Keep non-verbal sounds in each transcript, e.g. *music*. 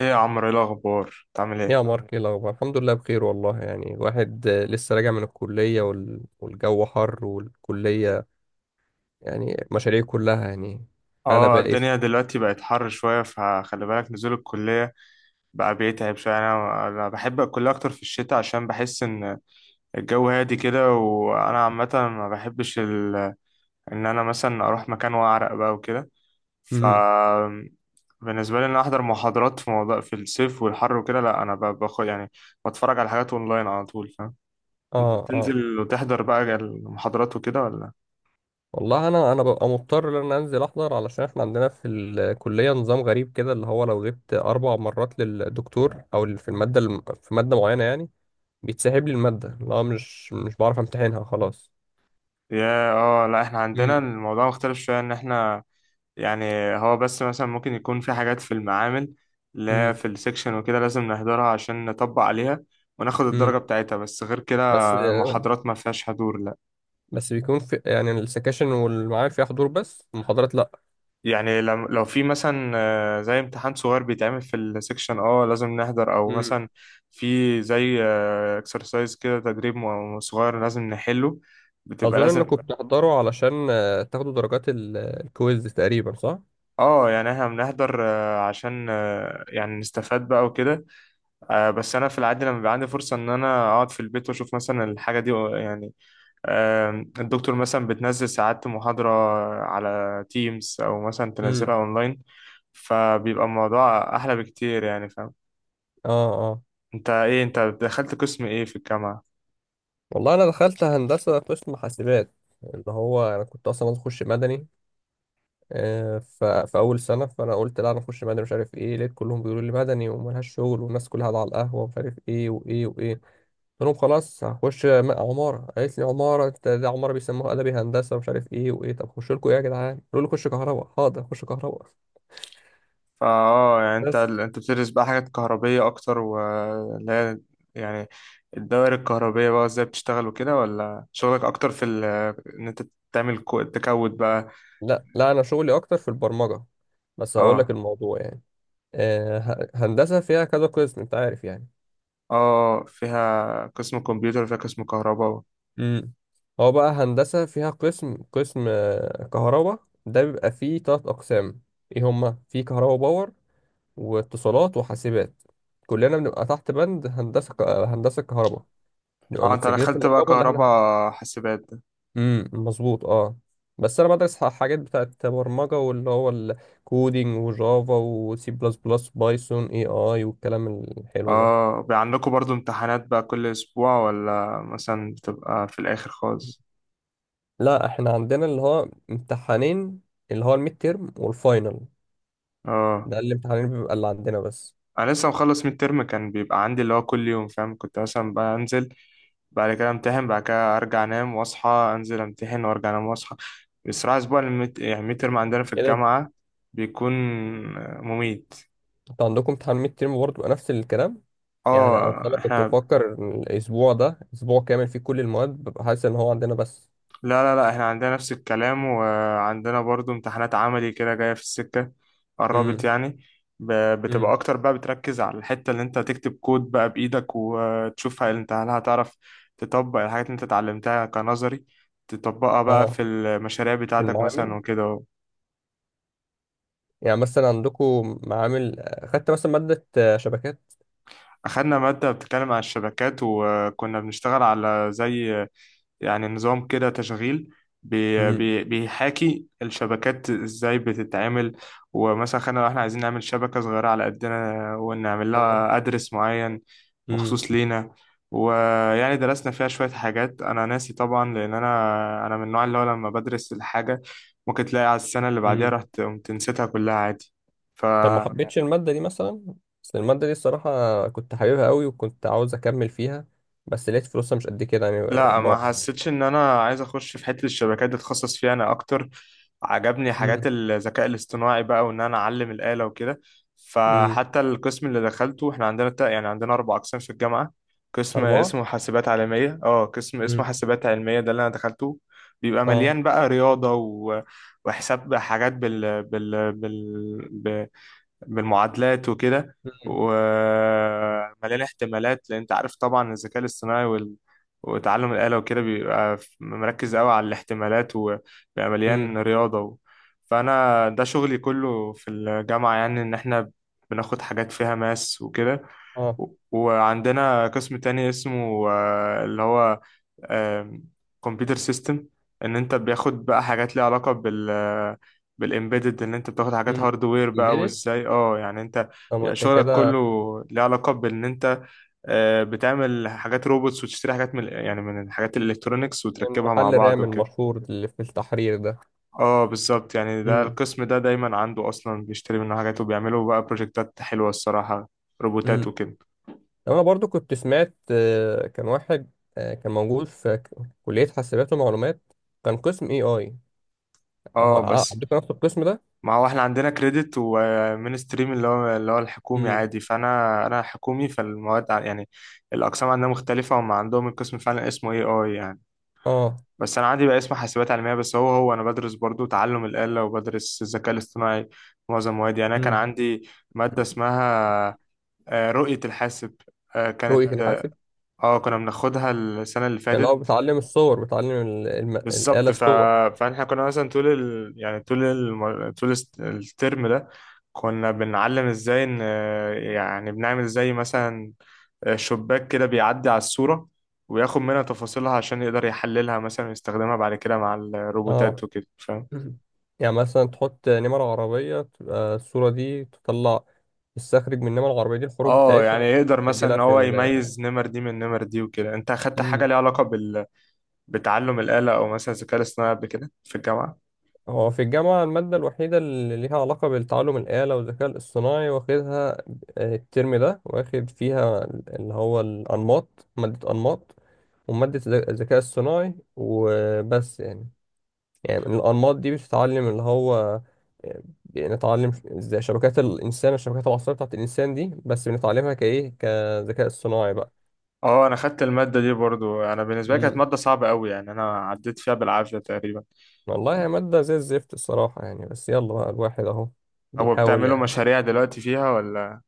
ايه يا عمرو، ايه الاخبار؟ بتعمل ايه؟ يا مارك، ايه الاخبار؟ الحمد لله، بخير والله. يعني واحد لسه راجع من الكليه والجو حر، والكليه يعني مشاريع كلها يعني. هلا اه، بائس. الدنيا دلوقتي بقت حر شويه، فخلي بالك نزول الكليه بقى بيتعب شويه. انا بحب الكليه اكتر في الشتاء، عشان بحس ان الجو هادي كده. وانا عامه ما بحبش ان انا مثلا اروح مكان واعرق بقى وكده. ف امم. بالنسبه لي ان أنا احضر محاضرات في موضوع في الصيف والحر وكده، لا انا باخد يعني بتفرج على حاجات اونلاين على طول، فاهم؟ انت اه، اه. بتنزل وتحضر بقى المحاضرات وكده ولا؟ والله انا ببقى مضطر ان أنا انزل احضر، علشان احنا عندنا في الكليه نظام غريب كده، اللي هو لو غبت 4 مرات للدكتور او في الماده في ماده معينه يعني بيتسحب لي الماده، اللي هو مش بعرف امتحنها خلاص. يا اه لا، احنا عندنا امم. الموضوع مختلف شوية، ان احنا يعني هو بس مثلا ممكن يكون في حاجات في المعامل اللي هي امم. في السكشن وكده، لازم نحضرها عشان نطبق عليها وناخد الدرجة امم. بتاعتها. بس غير كده بس المحاضرات ما فيهاش حضور، لا. بس بيكون في يعني السكاشن والمعامل فيها حضور، بس المحاضرات لا. يعني لو في مثلا زي امتحان صغير بيتعمل في السكشن، اه لازم نحضر. او امم. مثلا في زي اكسرسايز كده، تدريب صغير لازم نحله، بتبقى اظن لازم. انكم بتحضروا علشان تاخدوا درجات الكويز تقريبا، صح؟ اه يعني احنا بنحضر عشان يعني نستفاد بقى وكده. آه بس انا في العادي لما بيبقى عندي فرصه ان انا اقعد في البيت واشوف مثلا الحاجه دي يعني، آه، الدكتور مثلا بتنزل ساعات محاضره على تيمز، او مثلا امم. تنزلها اونلاين، فبيبقى الموضوع احلى بكتير، يعني فاهم. اه، اه. انت ايه؟ انت دخلت قسم ايه في الجامعه؟ والله انا دخلت هندسه، قسم حاسبات. اللي هو انا كنت اصلا عايز اخش مدني. في اول سنه فانا قلت لا انا اخش مدني، مش عارف ايه. لقيت كلهم بيقولوا لي مدني وملهاش شغل، والناس كلها قاعده على القهوه ومش عارف ايه وايه وايه. قلت لهم خلاص هخش عمارة. قالت لي عمارة انت؟ ده عمارة بيسموها أدبي هندسة ومش عارف ايه وايه. طب خش لكم ايه يا جدعان؟ قالوا لي خش كهرباء. حاضر، خش كهرباء. فا يعني انت بس انت بتدرس بقى حاجات كهربيه اكتر، واللي هي يعني الدوائر الكهربيه بقى ازاي بتشتغل وكده، ولا شغلك اكتر في ان انت تعمل تكود بقى؟ لا، لا، أنا شغلي أكتر في البرمجة. بس هقول لك اه الموضوع يعني، هندسة فيها كذا قسم، أنت عارف يعني. اه، فيها قسم كمبيوتر وفيها قسم كهرباء. امم. هو بقى هندسة فيها قسم كهرباء، ده بيبقى فيه 3 أقسام. ايه هما؟ في كهرباء باور، واتصالات، وحاسبات. كلنا بنبقى تحت بند هندسة ك- آه، هندسة كهرباء، نبقى اه انت متسجلين في دخلت بقى النقابة اللي احنا. كهرباء حاسبات ده. امم، مظبوط، اه. بس انا بدرس حاجات بتاعت برمجة، واللي هو الكودينج وجافا وسي بلس بلس بايثون اي اي والكلام الحلو ده. اه بقى عندكم برضو امتحانات بقى كل اسبوع، ولا مثلا بتبقى في الاخر خالص؟ لا، احنا عندنا اللي هو امتحانين، اللي هو الميد تيرم والفاينل. اه ده الامتحانين بيبقى اللي عندنا بس انا لسه مخلص من الترم. كان بيبقى عندي اللي هو كل يوم، فاهم؟ كنت مثلا بقى انزل بعد كده امتحن، بعد كده ارجع انام واصحى انزل امتحن وارجع انام واصحى. بصراحة اسبوع يعني الميد ترم عندنا في كده. الجامعة بيكون مميت. انتوا عندكم امتحان ميد تيرم برضه بيبقى نفس الكلام؟ يعني انا اه فعلا كنت احنا بفكر إن الاسبوع ده اسبوع كامل فيه كل المواد، ببقى حاسس ان هو عندنا بس. لا احنا عندنا نفس الكلام، وعندنا برضو امتحانات عملي كده جاية في السكة، امم. قربت يعني. ب- بتبقى امم. اكتر بقى، بتركز على الحتة اللي انت تكتب كود بقى بايدك، وتشوف هل انت هل هتعرف تطبق الحاجات اللي انت اتعلمتها كنظري، تطبقها بقى في اه. المشاريع في بتاعتك مثلا المعامل، وكده. يعني مثلا عندكم معامل؟ خدت مثلا مادة شبكات. أخدنا مادة بتتكلم عن الشبكات، وكنا بنشتغل على زي يعني نظام كده تشغيل بي امم. بي بيحاكي الشبكات ازاي بتتعمل، ومثلا خلينا لو احنا عايزين نعمل شبكة صغيرة على قدنا ونعمل اه. لها ادرس معين امم. مخصوص لينا. ويعني درسنا فيها شوية حاجات، أنا ناسي طبعا، لأن أنا من النوع اللي هو لما بدرس الحاجة ممكن تلاقي على السنة اللي بعديها امم. رحت قمت نسيتها كلها عادي. ف طب ما يعني حبيتش المادة دي مثلا؟ بس المادة دي الصراحة كنت حاببها قوي وكنت عاوز أكمل فيها، بس لقيت فلوسها مش قد كده يعني لا، بره ما يعني. حسيتش ان انا عايز اخش في حته الشبكات دي، اتخصص فيها انا اكتر. عجبني حاجات امم. الذكاء الاصطناعي بقى، وان انا اعلم الاله وكده. امم. فحتى القسم اللي دخلته، احنا عندنا يعني عندنا اربع اقسام في الجامعه. قسم 4. اسمه حاسبات عالميه، اه، قسم اسمه امم. حاسبات علميه ده اللي انا دخلته، بيبقى اه. مليان بقى رياضه وحساب حاجات بال... بالمعادلات وكده، امم. ومليان احتمالات، لان انت عارف طبعا الذكاء الاصطناعي وتعلم الآلة وكده بيبقى مركز قوي على الاحتمالات، وبيبقى مليان امم. رياضة و. فأنا ده شغلي كله في الجامعة، يعني إن إحنا بناخد حاجات فيها ماس وكده. اه. وعندنا قسم تاني اسمه اللي هو كمبيوتر سيستم، ان انت بياخد بقى حاجات ليها علاقة بالامبيدد، ان انت بتاخد حاجات امم. هاردوير بقى، امبيدد. امم. وازاي اه يعني انت طب ما بيبقى أنت شغلك كله كده. ليه علاقة بان انت بتعمل حاجات روبوتس وتشتري حاجات من يعني من الحاجات الالكترونيكس يعني وتركبها مع محل بعض رام وكده. المشهور اللي في التحرير ده. اه بالظبط، يعني ده القسم ده دايما عنده اصلا بيشتري منه حاجات، وبيعملوا بقى بروجكتات حلوة الصراحة، روبوتات امم. وكده. انا برضو كنت سمعت، كان واحد كان موجود في كلية حاسبات ومعلومات، كان قسم اي اي. اهو اه بس عندكم نفس القسم ده. ما هو احنا عندنا كريدت ومين ستريم، اللي هو اللي هو الحكومي امم. عادي، فانا انا حكومي، فالمواد يعني الاقسام عندنا مختلفه. هم عندهم القسم فعلا اسمه اي اي يعني، اه. بس انا عندي بقى اسمه حاسبات علميه، بس هو انا بدرس برضو تعلم الاله وبدرس الذكاء الاصطناعي في معظم موادي. يعني انا كان امم. عندي ماده اسمها رؤيه الحاسب، رؤية كانت اه الحاسب. كنا بناخدها السنه اللي يعني هو فاتت. بتعلم الصور، بتعلم بالظبط. الآلة الصور. فاحنا كنا مثلا طول يعني طول طول الترم ده كنا بنعلم ازاي ان يعني بنعمل زي مثلا شباك كده بيعدي على الصورة، وياخد منها تفاصيلها عشان يقدر يحللها مثلا ويستخدمها بعد كده مع اه. الروبوتات وكده، فاهم. مم. يعني مثلا تحط نمر عربية، تبقى الصورة دي تطلع تستخرج من النمر العربية دي الحروف اه يعني بتاعتها، يقدر مثلا تسجلها ان في هو ال. يميز نمر دي من نمر دي وكده. انت اخدت حاجة مم. ليها علاقة بتعلم الآلة او مثلا الذكاء الاصطناعي قبل كده في الجامعة؟ هو في الجامعة المادة الوحيدة اللي ليها علاقة بالتعلم الآلة والذكاء الاصطناعي واخدها الترم ده، واخد فيها اللي هو الأنماط، مادة أنماط ومادة الذكاء الصناعي وبس يعني. يعني الأنماط دي بتتعلم اللي هو بنتعلم ازاي شبكات الإنسان، الشبكات العصبية بتاعت الإنسان دي، بس بنتعلمها كإيه، كذكاء اصطناعي بقى. اه انا خدت الماده دي برضو. انا بالنسبه لي كانت مم. ماده صعبه قوي، يعني انا عديت فيها بالعافيه تقريبا. والله هي مادة زي الزفت الصراحة يعني، بس يلا بقى الواحد أهو هو بيحاول. بتعملوا مشاريع دلوقتي فيها ولا؟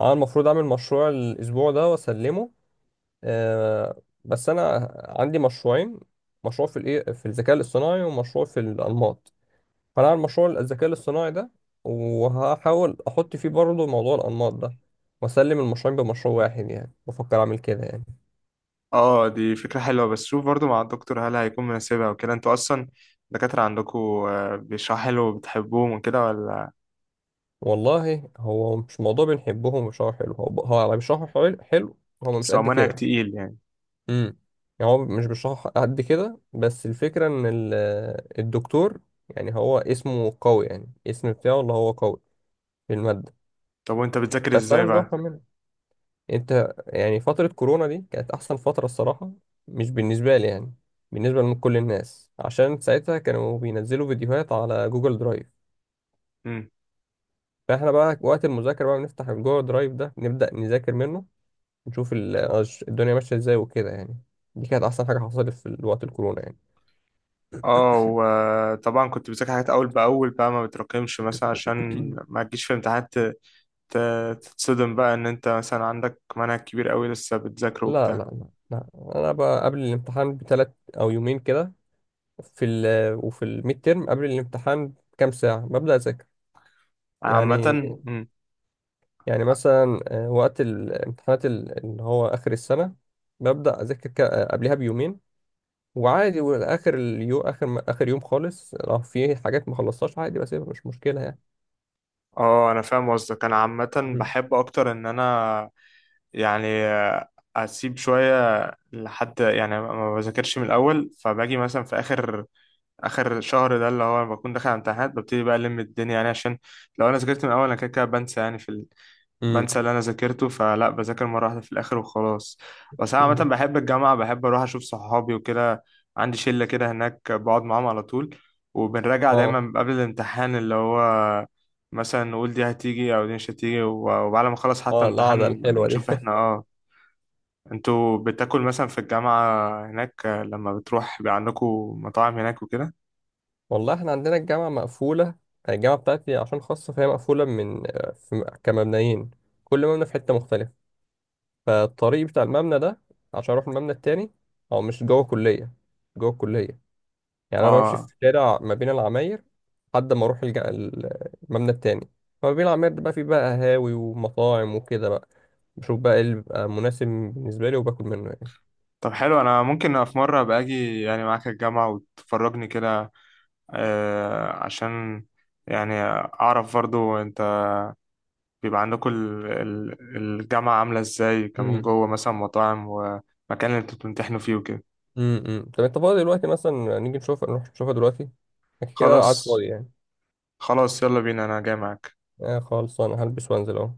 اه، المفروض اعمل مشروع الاسبوع ده واسلمه. بس انا عندي مشروعين، مشروع في الايه في الذكاء الاصطناعي ومشروع في الانماط. فانا هعمل مشروع الذكاء الاصطناعي ده، وهحاول احط فيه برضه موضوع الانماط ده، واسلم المشروعين بمشروع واحد يعني، بفكر اعمل كده يعني. اه دي فكره حلوه، بس شوف برضو مع الدكتور هل هيكون مناسبها وكده. انتوا اصلا الدكاتره عندكم بيشرحوا حلو وبتحبوهم وكده، ولا والله هو مش موضوع بنحبهم ومش حلو. هو على مش حلو، حلو. هو مش بس هو قد منهج كده. تقيل يعني؟ امم. يعني هو مش بيشرح قد كده، بس الفكرة ان الدكتور، يعني هو اسمه قوي، يعني اسم بتاعه اللي هو قوي في المادة، طب وانت بتذاكر بس انا ازاي مش بقى؟ بفهم منها. انت، يعني فترة كورونا دي كانت احسن فترة الصراحة، مش بالنسبة لي يعني، بالنسبة لكل الناس، عشان ساعتها كانوا بينزلوا فيديوهات على جوجل درايف. امم، فاحنا بقى وقت المذاكرة بقى بنفتح الجوجل درايف ده نبدأ نذاكر منه، نشوف الدنيا ماشية ازاي وكده يعني. دي كانت احسن حاجة حصلت في وقت الكورونا يعني. اه وطبعا كنت بذاكر حاجات اول باول بقى، ما بتراكمش مثلا، عشان *clears throat* ما تجيش في امتحانات تتصدم بقى ان انت مثلا عندك منهج كبير قوي لسه بتذاكره لا، لا، وبتاع. لا، لا. انا بقى قبل الامتحان ب3 او يومين كده. في ال وفي الميد تيرم قبل الامتحان بكام ساعه ببدا اذاكر. أنا عامة يعني، مم. يعني مثلا وقت الامتحانات اللي هو اخر السنه، ببدا اذاكر قبلها بيومين وعادي. واخر اليوم اخر م- اخر يوم خالص لو في حاجات ما خلصتهاش عادي بسيبها، مش مشكله يعني. اه انا فاهم قصدك. انا عامة امم. بحب اكتر ان انا يعني اسيب شوية لحد يعني ما بذاكرش من الاول، فباجي مثلا في اخر شهر ده اللي هو بكون داخل على امتحانات، ببتدي بقى الدنيا يعني، عشان لو انا ذاكرت من الاول انا كده كده بنسى يعني. بنسى اللي انا ذاكرته، فلا بذاكر مره واحده في الاخر وخلاص. بس انا عامه امم. بحب الجامعه، بحب اروح اشوف صحابي وكده. عندي شله كده هناك بقعد معاهم على طول، وبنراجع اه، دايما قبل الامتحان اللي هو مثلا نقول دي هتيجي او دي مش هتيجي. وبعد ما نخلص حتى اه، القعده امتحان الحلوه دي. نشوف احنا اه. انتوا بتاكل مثلا في الجامعه هناك لما بتروح؟ بيبقى عندكم مطاعم هناك وكده؟ والله احنا عندنا الجامعة مقفولة. الجامعة بتاعتي عشان خاصة فهي مقفولة، من في كمبنيين، كل مبنى في حتة مختلفة. فالطريق بتاع المبنى ده عشان اروح المبنى التاني، هو مش جوه الكلية، جوه الكلية. يعني انا بمشي اه في شارع ما بين العماير لحد ما اروح المبنى التاني. فما بين العماير ده بقى فيه بقى قهاوي ومطاعم وكده بقى، بشوف بقى ايه اللي بيبقى مناسب بالنسبة لي وباكل منه يعني. طب حلو، انا ممكن في مره ابقى اجي يعني معاك الجامعه وتفرجني كده، عشان يعني أعرف برضو أنت بيبقى عندكم الجامعة عاملة إزاي كمان امم. جوه، مثلا مطاعم ومكان اللي أنتوا بتمتحنوا فيه وكده. امم. طب انت فاضي دلوقتي؟ مثلا نيجي نشوف، نروح نشوفها دلوقتي؟ أكيد كده كده قاعد خلاص فاضي يعني. خلاص، يلا بينا، أنا جاي معاك. آه، خالص، انا هلبس وانزل اهو.